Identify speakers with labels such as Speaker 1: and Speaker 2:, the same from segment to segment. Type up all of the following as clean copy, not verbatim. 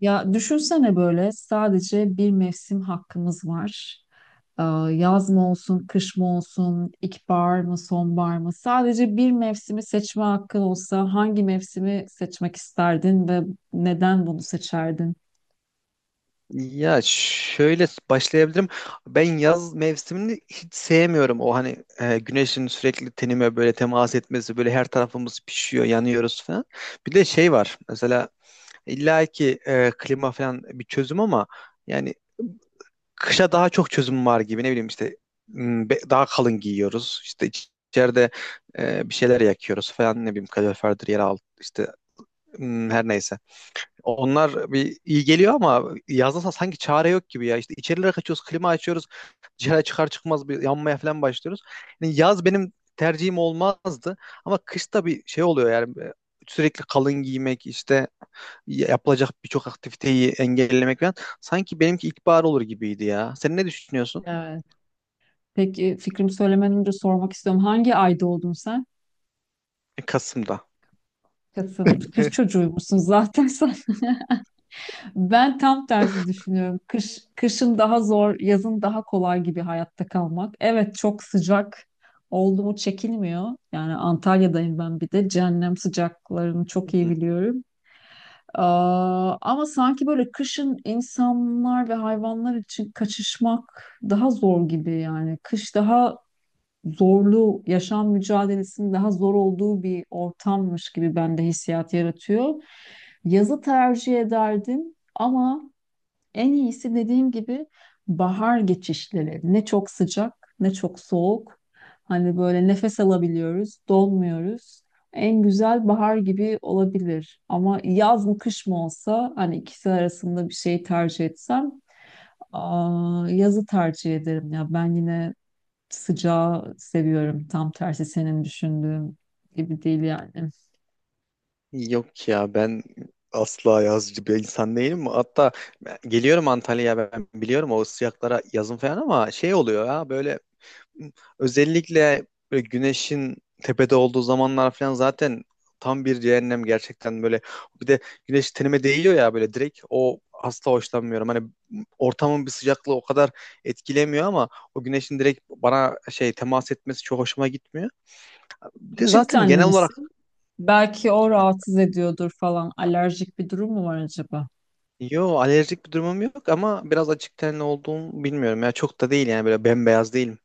Speaker 1: Ya düşünsene böyle sadece bir mevsim hakkımız var. Ee, Yaz mı olsun, kış mı olsun, ilkbahar mı, sonbahar mı? Sadece bir mevsimi seçme hakkın olsa hangi mevsimi seçmek isterdin ve neden bunu seçerdin?
Speaker 2: Ya şöyle başlayabilirim. Ben yaz mevsimini hiç sevmiyorum. O hani güneşin sürekli tenime böyle temas etmesi, böyle her tarafımız pişiyor, yanıyoruz falan. Bir de şey var. Mesela illa ki klima falan bir çözüm ama yani kışa daha çok çözüm var gibi. Ne bileyim işte daha kalın giyiyoruz. İşte içeride bir şeyler yakıyoruz falan. Ne bileyim kaloriferdir, yer altı işte her neyse. Onlar bir iyi geliyor ama yazda sanki çare yok gibi ya. İşte içerilere kaçıyoruz, klima açıyoruz. Dışarı çıkar çıkmaz bir yanmaya falan başlıyoruz. Yani yaz benim tercihim olmazdı ama kışta bir şey oluyor yani. Sürekli kalın giymek işte yapılacak birçok aktiviteyi engellemek falan. Sanki benimki ilkbahar olur gibiydi ya. Sen ne düşünüyorsun?
Speaker 1: Evet. Peki fikrimi söylemeden önce sormak istiyorum. Hangi ayda oldun sen?
Speaker 2: Kasım'da.
Speaker 1: Kasım. Kış çocuğuymuşsun zaten sen. Ben tam tersi düşünüyorum. Kış, kışın daha zor, yazın daha kolay gibi hayatta kalmak. Evet, çok sıcak oldu mu çekilmiyor. Yani Antalya'dayım ben bir de. Cehennem sıcaklarını çok iyi biliyorum. Ama sanki böyle kışın insanlar ve hayvanlar için kaçışmak daha zor gibi yani. Kış daha zorlu, yaşam mücadelesinin daha zor olduğu bir ortammış gibi bende hissiyat yaratıyor. Yazı tercih ederdim ama en iyisi dediğim gibi bahar geçişleri. Ne çok sıcak, ne çok soğuk. Hani böyle nefes alabiliyoruz, donmuyoruz. En güzel bahar gibi olabilir. Ama yaz mı kış mı olsa hani ikisi arasında bir şey tercih etsem yazı tercih ederim ya. Ben yine sıcağı seviyorum. Tam tersi senin düşündüğün gibi değil yani.
Speaker 2: Yok ya ben asla yazcı bir insan değilim. Hatta geliyorum Antalya'ya, ben biliyorum o sıcaklara yazın falan ama şey oluyor ya böyle özellikle böyle güneşin tepede olduğu zamanlar falan zaten tam bir cehennem gerçekten böyle. Bir de güneş tenime değiyor ya böyle direkt, o asla hoşlanmıyorum. Hani ortamın bir sıcaklığı o kadar etkilemiyor ama o güneşin direkt bana şey temas etmesi çok hoşuma gitmiyor. Bir de
Speaker 1: Açık
Speaker 2: zaten
Speaker 1: tenli
Speaker 2: genel olarak
Speaker 1: misin? Belki o rahatsız ediyordur falan. Alerjik bir durum mu var acaba?
Speaker 2: yo, alerjik bir durumum yok ama biraz açık tenli olduğum bilmiyorum. Ya çok da değil yani, böyle bembeyaz değilim.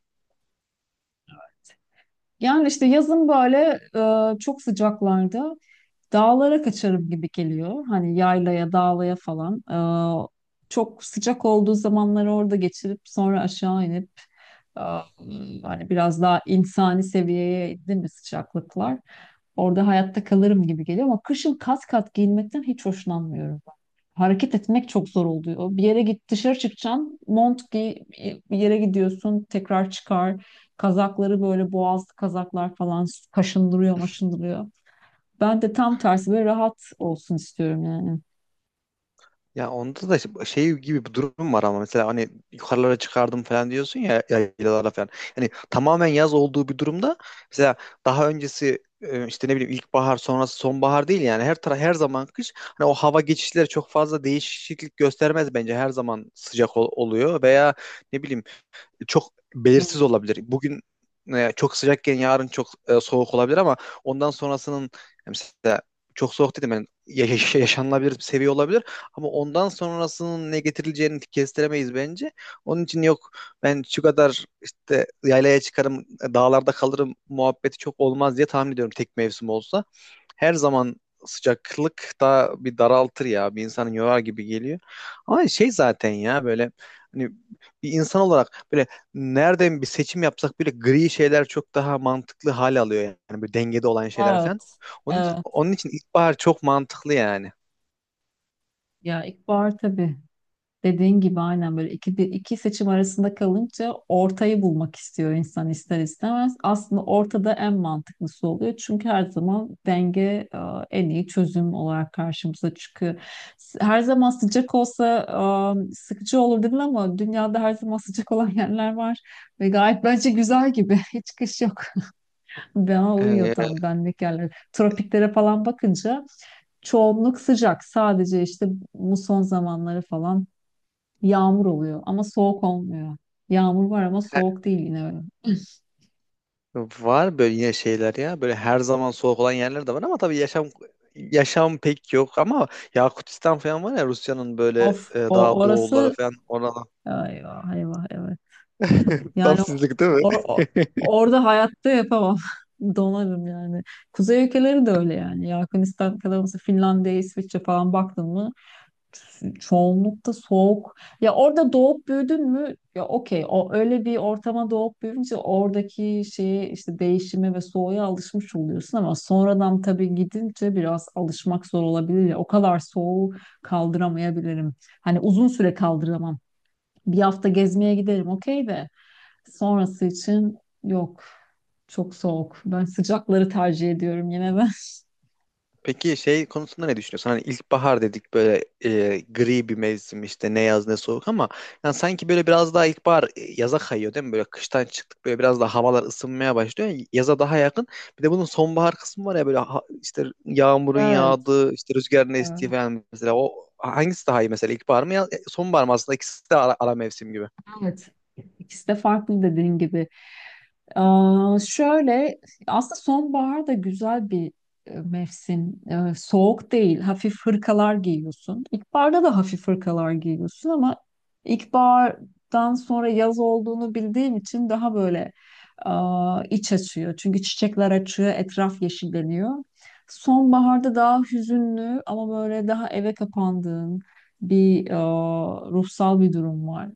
Speaker 1: Yani işte yazın böyle çok sıcaklarda dağlara kaçarım gibi geliyor. Hani yaylaya, dağlaya falan. Çok sıcak olduğu zamanları orada geçirip sonra aşağı inip Am, hani biraz daha insani seviyeye indi mi sıcaklıklar? Orada hayatta kalırım gibi geliyor ama kışın kat kat giyinmekten hiç hoşlanmıyorum ben. Hareket etmek çok zor oluyor. Bir yere git, dışarı çıkacaksın, mont giy, bir yere gidiyorsun, tekrar çıkar. Kazakları böyle boğazlı kazaklar falan kaşındırıyor, maşındırıyor. Ben de tam tersi böyle rahat olsun istiyorum yani.
Speaker 2: Ya onda da işte şey gibi bir durum var ama mesela hani yukarılara çıkardım falan diyorsun ya, yaylalara falan. Hani tamamen yaz olduğu bir durumda mesela daha öncesi işte ne bileyim ilkbahar sonrası sonbahar değil yani, her taraf her zaman kış. Hani o hava geçişleri çok fazla değişiklik göstermez bence, her zaman sıcak oluyor veya ne bileyim çok
Speaker 1: Hı.
Speaker 2: belirsiz olabilir. Bugün çok sıcakken yarın çok soğuk olabilir ama ondan sonrasının mesela çok soğuk dedim yani yaşanılabilir bir seviye olabilir ama ondan sonrasının ne getirileceğini kestiremeyiz bence. Onun için yok, ben şu kadar işte yaylaya çıkarım, dağlarda kalırım muhabbeti çok olmaz diye tahmin ediyorum tek mevsim olsa. Her zaman sıcaklık da bir daraltır ya. Bir insanı yorar gibi geliyor. Ama şey zaten ya böyle hani bir insan olarak böyle nereden bir seçim yapsak bile gri şeyler çok daha mantıklı hal alıyor yani, bir dengede olan şeyler falan.
Speaker 1: Evet,
Speaker 2: Onun,
Speaker 1: evet.
Speaker 2: onun için ilkbahar çok mantıklı yani.
Speaker 1: Ya ilkbahar tabii. Dediğin gibi aynen böyle iki seçim arasında kalınca ortayı bulmak istiyor insan ister istemez. Aslında ortada en mantıklısı oluyor. Çünkü her zaman denge en iyi çözüm olarak karşımıza çıkıyor. Her zaman sıcak olsa sıkıcı olur değil mi, ama dünyada her zaman sıcak olan yerler var. Ve gayet bence güzel gibi. Hiç kış yok. Bana uyuyor,
Speaker 2: Ee,
Speaker 1: tam benlik yerler. Tropiklere falan bakınca çoğunluk sıcak. Sadece işte muson zamanları falan yağmur oluyor ama soğuk olmuyor. Yağmur var ama
Speaker 2: he-
Speaker 1: soğuk değil yine öyle.
Speaker 2: Var böyle yine şeyler ya, böyle her zaman soğuk olan yerler de var ama tabii yaşam pek yok ama Yakutistan falan var ya, Rusya'nın böyle
Speaker 1: Of, o
Speaker 2: daha doğulları
Speaker 1: orası
Speaker 2: falan orada.
Speaker 1: eyvah eyvah eyvah.
Speaker 2: Tam
Speaker 1: Yani
Speaker 2: sizlik değil mi?
Speaker 1: or, or- Orada hayatta yapamam. Donarım yani. Kuzey ülkeleri de öyle yani. Ya Hırvatistan kadar olsa Finlandiya, İsviçre falan baktın mı çoğunlukta soğuk. Ya orada doğup büyüdün mü? Ya okey. O öyle bir ortama doğup büyüyünce oradaki şeye işte değişime ve soğuğa alışmış oluyorsun ama sonradan tabii gidince biraz alışmak zor olabilir ya. O kadar soğuğu kaldıramayabilirim. Hani uzun süre kaldıramam. Bir hafta gezmeye giderim okey de sonrası için yok. Çok soğuk. Ben sıcakları tercih ediyorum yine ben.
Speaker 2: Peki şey konusunda ne düşünüyorsun? Hani ilkbahar dedik böyle, gri bir mevsim işte, ne yaz ne soğuk ama yani sanki böyle biraz daha ilkbahar yaza kayıyor değil mi? Böyle kıştan çıktık, böyle biraz daha havalar ısınmaya başlıyor. Yaza daha yakın. Bir de bunun sonbahar kısmı var ya, böyle işte yağmurun
Speaker 1: Evet,
Speaker 2: yağdığı, işte rüzgarın
Speaker 1: evet.
Speaker 2: estiği falan, mesela o hangisi daha iyi, mesela ilkbahar mı sonbahar mı? Aslında ikisi de ara mevsim gibi.
Speaker 1: Evet. İkisi de farklı dediğin gibi. Şöyle aslında sonbahar da güzel bir mevsim. E, soğuk değil, hafif hırkalar giyiyorsun. İlkbaharda da hafif hırkalar giyiyorsun ama ilkbahardan sonra yaz olduğunu bildiğim için daha böyle iç açıyor. Çünkü çiçekler açıyor, etraf yeşilleniyor. Sonbaharda daha hüzünlü ama böyle daha eve kapandığın bir ruhsal bir durum var.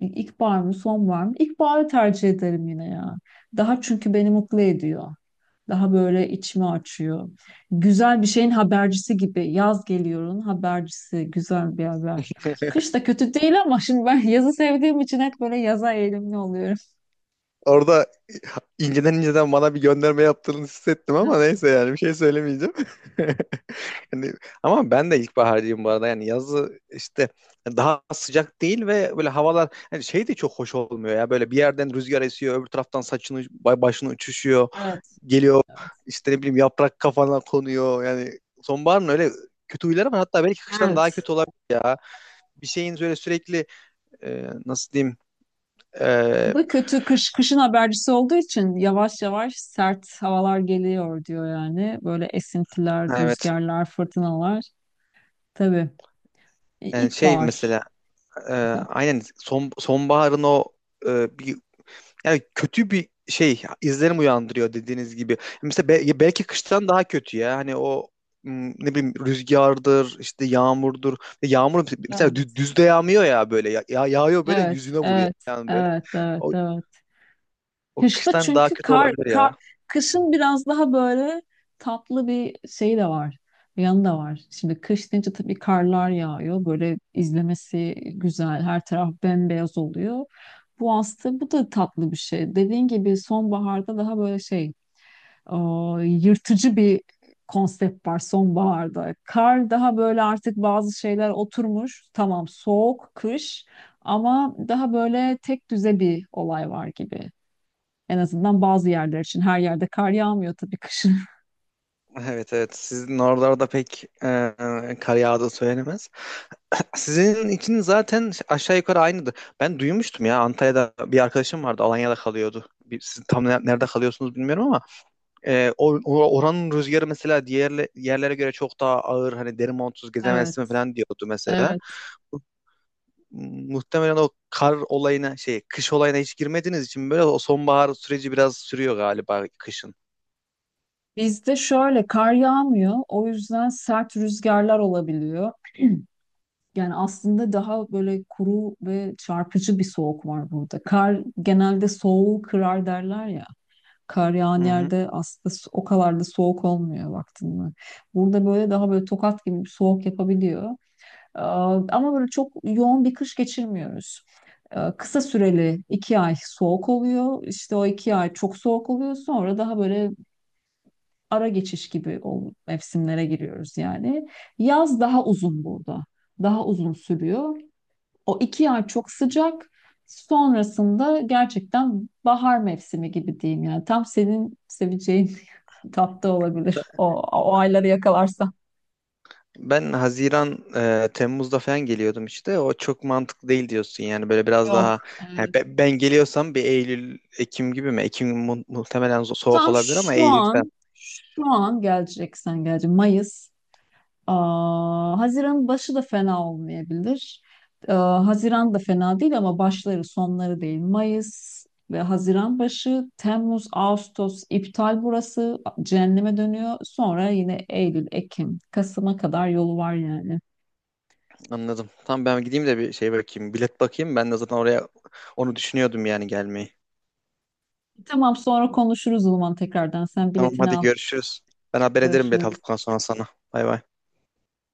Speaker 1: İlkbahar mı, sonbahar mı? İlkbaharı tercih ederim yine ya. Daha çünkü beni mutlu ediyor. Daha böyle içimi açıyor. Güzel bir şeyin habercisi gibi. Yaz geliyorun habercisi. Güzel bir haber. Kış da kötü değil ama şimdi ben yazı sevdiğim için hep böyle yaza eğilimli oluyorum.
Speaker 2: Orada inceden inceden bana bir gönderme yaptığını hissettim ama neyse, yani bir şey söylemeyeceğim. Hani, ama ben de ilkbaharcıyım bu arada. Yani yazı işte daha sıcak değil ve böyle havalar hani şey de çok hoş olmuyor ya. Böyle bir yerden rüzgar esiyor, öbür taraftan saçını başını uçuşuyor.
Speaker 1: Evet.
Speaker 2: Geliyor işte ne bileyim yaprak kafana konuyor. Yani sonbaharın öyle kötü huyları var. Hatta belki kıştan daha
Speaker 1: Evet.
Speaker 2: kötü olabilir ya. Bir şeyin böyle sürekli nasıl diyeyim
Speaker 1: Bu
Speaker 2: e,
Speaker 1: da kötü, kış, kışın habercisi olduğu için yavaş yavaş sert havalar geliyor diyor yani. Böyle esintiler,
Speaker 2: evet,
Speaker 1: rüzgarlar, fırtınalar. Tabii.
Speaker 2: yani şey
Speaker 1: İlkbahar.
Speaker 2: mesela e, aynen sonbaharın o bir, yani kötü bir şey izlenim uyandırıyor dediğiniz gibi. Mesela belki kıştan daha kötü ya. Hani o ne bileyim rüzgardır, işte yağmurdur. Yağmur mesela
Speaker 1: Evet,
Speaker 2: düzde yağmıyor ya böyle. Yağıyor böyle
Speaker 1: evet,
Speaker 2: yüzüne vuruyor
Speaker 1: evet,
Speaker 2: yani böyle.
Speaker 1: evet, evet,
Speaker 2: O,
Speaker 1: evet.
Speaker 2: o
Speaker 1: Kışta
Speaker 2: kıştan daha
Speaker 1: çünkü
Speaker 2: kötü
Speaker 1: kar,
Speaker 2: olabilir
Speaker 1: kar,
Speaker 2: ya.
Speaker 1: kışın biraz daha böyle tatlı bir şey de var. Bir yanı da var. Şimdi kış deyince tabii karlar yağıyor. Böyle izlemesi güzel. Her taraf bembeyaz oluyor. Bu aslında bu da tatlı bir şey. Dediğin gibi sonbaharda daha böyle şey e, yırtıcı bir konsept var sonbaharda. Kar daha böyle artık bazı şeyler oturmuş. Tamam soğuk, kış ama daha böyle tek düze bir olay var gibi. En azından bazı yerler için. Her yerde kar yağmıyor tabii kışın.
Speaker 2: Evet evet, sizin oralarda pek kar yağdığı söylenemez. Sizin için zaten aşağı yukarı aynıdır. Ben duymuştum ya, Antalya'da bir arkadaşım vardı, Alanya'da kalıyordu. Bir, siz tam nerede kalıyorsunuz bilmiyorum ama oranın rüzgarı mesela diğer yerlere göre çok daha ağır, hani deri montsuz
Speaker 1: Evet,
Speaker 2: gezemezsin falan diyordu mesela.
Speaker 1: evet.
Speaker 2: Muhtemelen o kar olayına şey, kış olayına hiç girmediğiniz için böyle o sonbahar süreci biraz sürüyor galiba kışın.
Speaker 1: Bizde şöyle kar yağmıyor. O yüzden sert rüzgarlar olabiliyor. Yani aslında daha böyle kuru ve çarpıcı bir soğuk var burada. Kar genelde soğuğu kırar derler ya. Kar
Speaker 2: Hı
Speaker 1: yağan
Speaker 2: hı.
Speaker 1: yerde aslında o kadar da soğuk olmuyor vaktinde. Burada böyle daha böyle tokat gibi bir soğuk yapabiliyor. Ee, Ama böyle çok yoğun bir kış geçirmiyoruz. Kısa süreli 2 ay soğuk oluyor. İşte o 2 ay çok soğuk oluyor. Sonra daha böyle ara geçiş gibi o mevsimlere giriyoruz yani. Yaz daha uzun burada. Daha uzun sürüyor. O iki ay çok sıcak. Sonrasında gerçekten bahar mevsimi gibi diyeyim yani. Tam senin seveceğin tatlı olabilir. O ayları yakalarsan.
Speaker 2: Ben Haziran, Temmuz'da falan geliyordum işte. O çok mantıklı değil diyorsun yani, böyle biraz
Speaker 1: Yok.
Speaker 2: daha
Speaker 1: Evet.
Speaker 2: yani geliyorsam bir Eylül, Ekim gibi mi? Ekim muhtemelen soğuk
Speaker 1: Tam
Speaker 2: olabilir ama
Speaker 1: şu
Speaker 2: Eylül falan,
Speaker 1: an, şu an geleceksen gelecek. Mayıs. Haziran başı da fena olmayabilir. Haziran da fena değil ama başları sonları değil. Mayıs ve Haziran başı, Temmuz, Ağustos iptal burası. Cehenneme dönüyor. Sonra yine Eylül, Ekim, Kasım'a kadar yolu var yani.
Speaker 2: anladım. Tamam, ben gideyim de bir şey bakayım, bilet bakayım. Ben de zaten oraya onu düşünüyordum yani, gelmeyi.
Speaker 1: Tamam, sonra konuşuruz o zaman tekrardan. Sen
Speaker 2: Tamam
Speaker 1: biletini
Speaker 2: hadi,
Speaker 1: al.
Speaker 2: görüşürüz. Ben haber ederim bilet
Speaker 1: Görüşürüz.
Speaker 2: aldıktan sonra sana. Bay bay.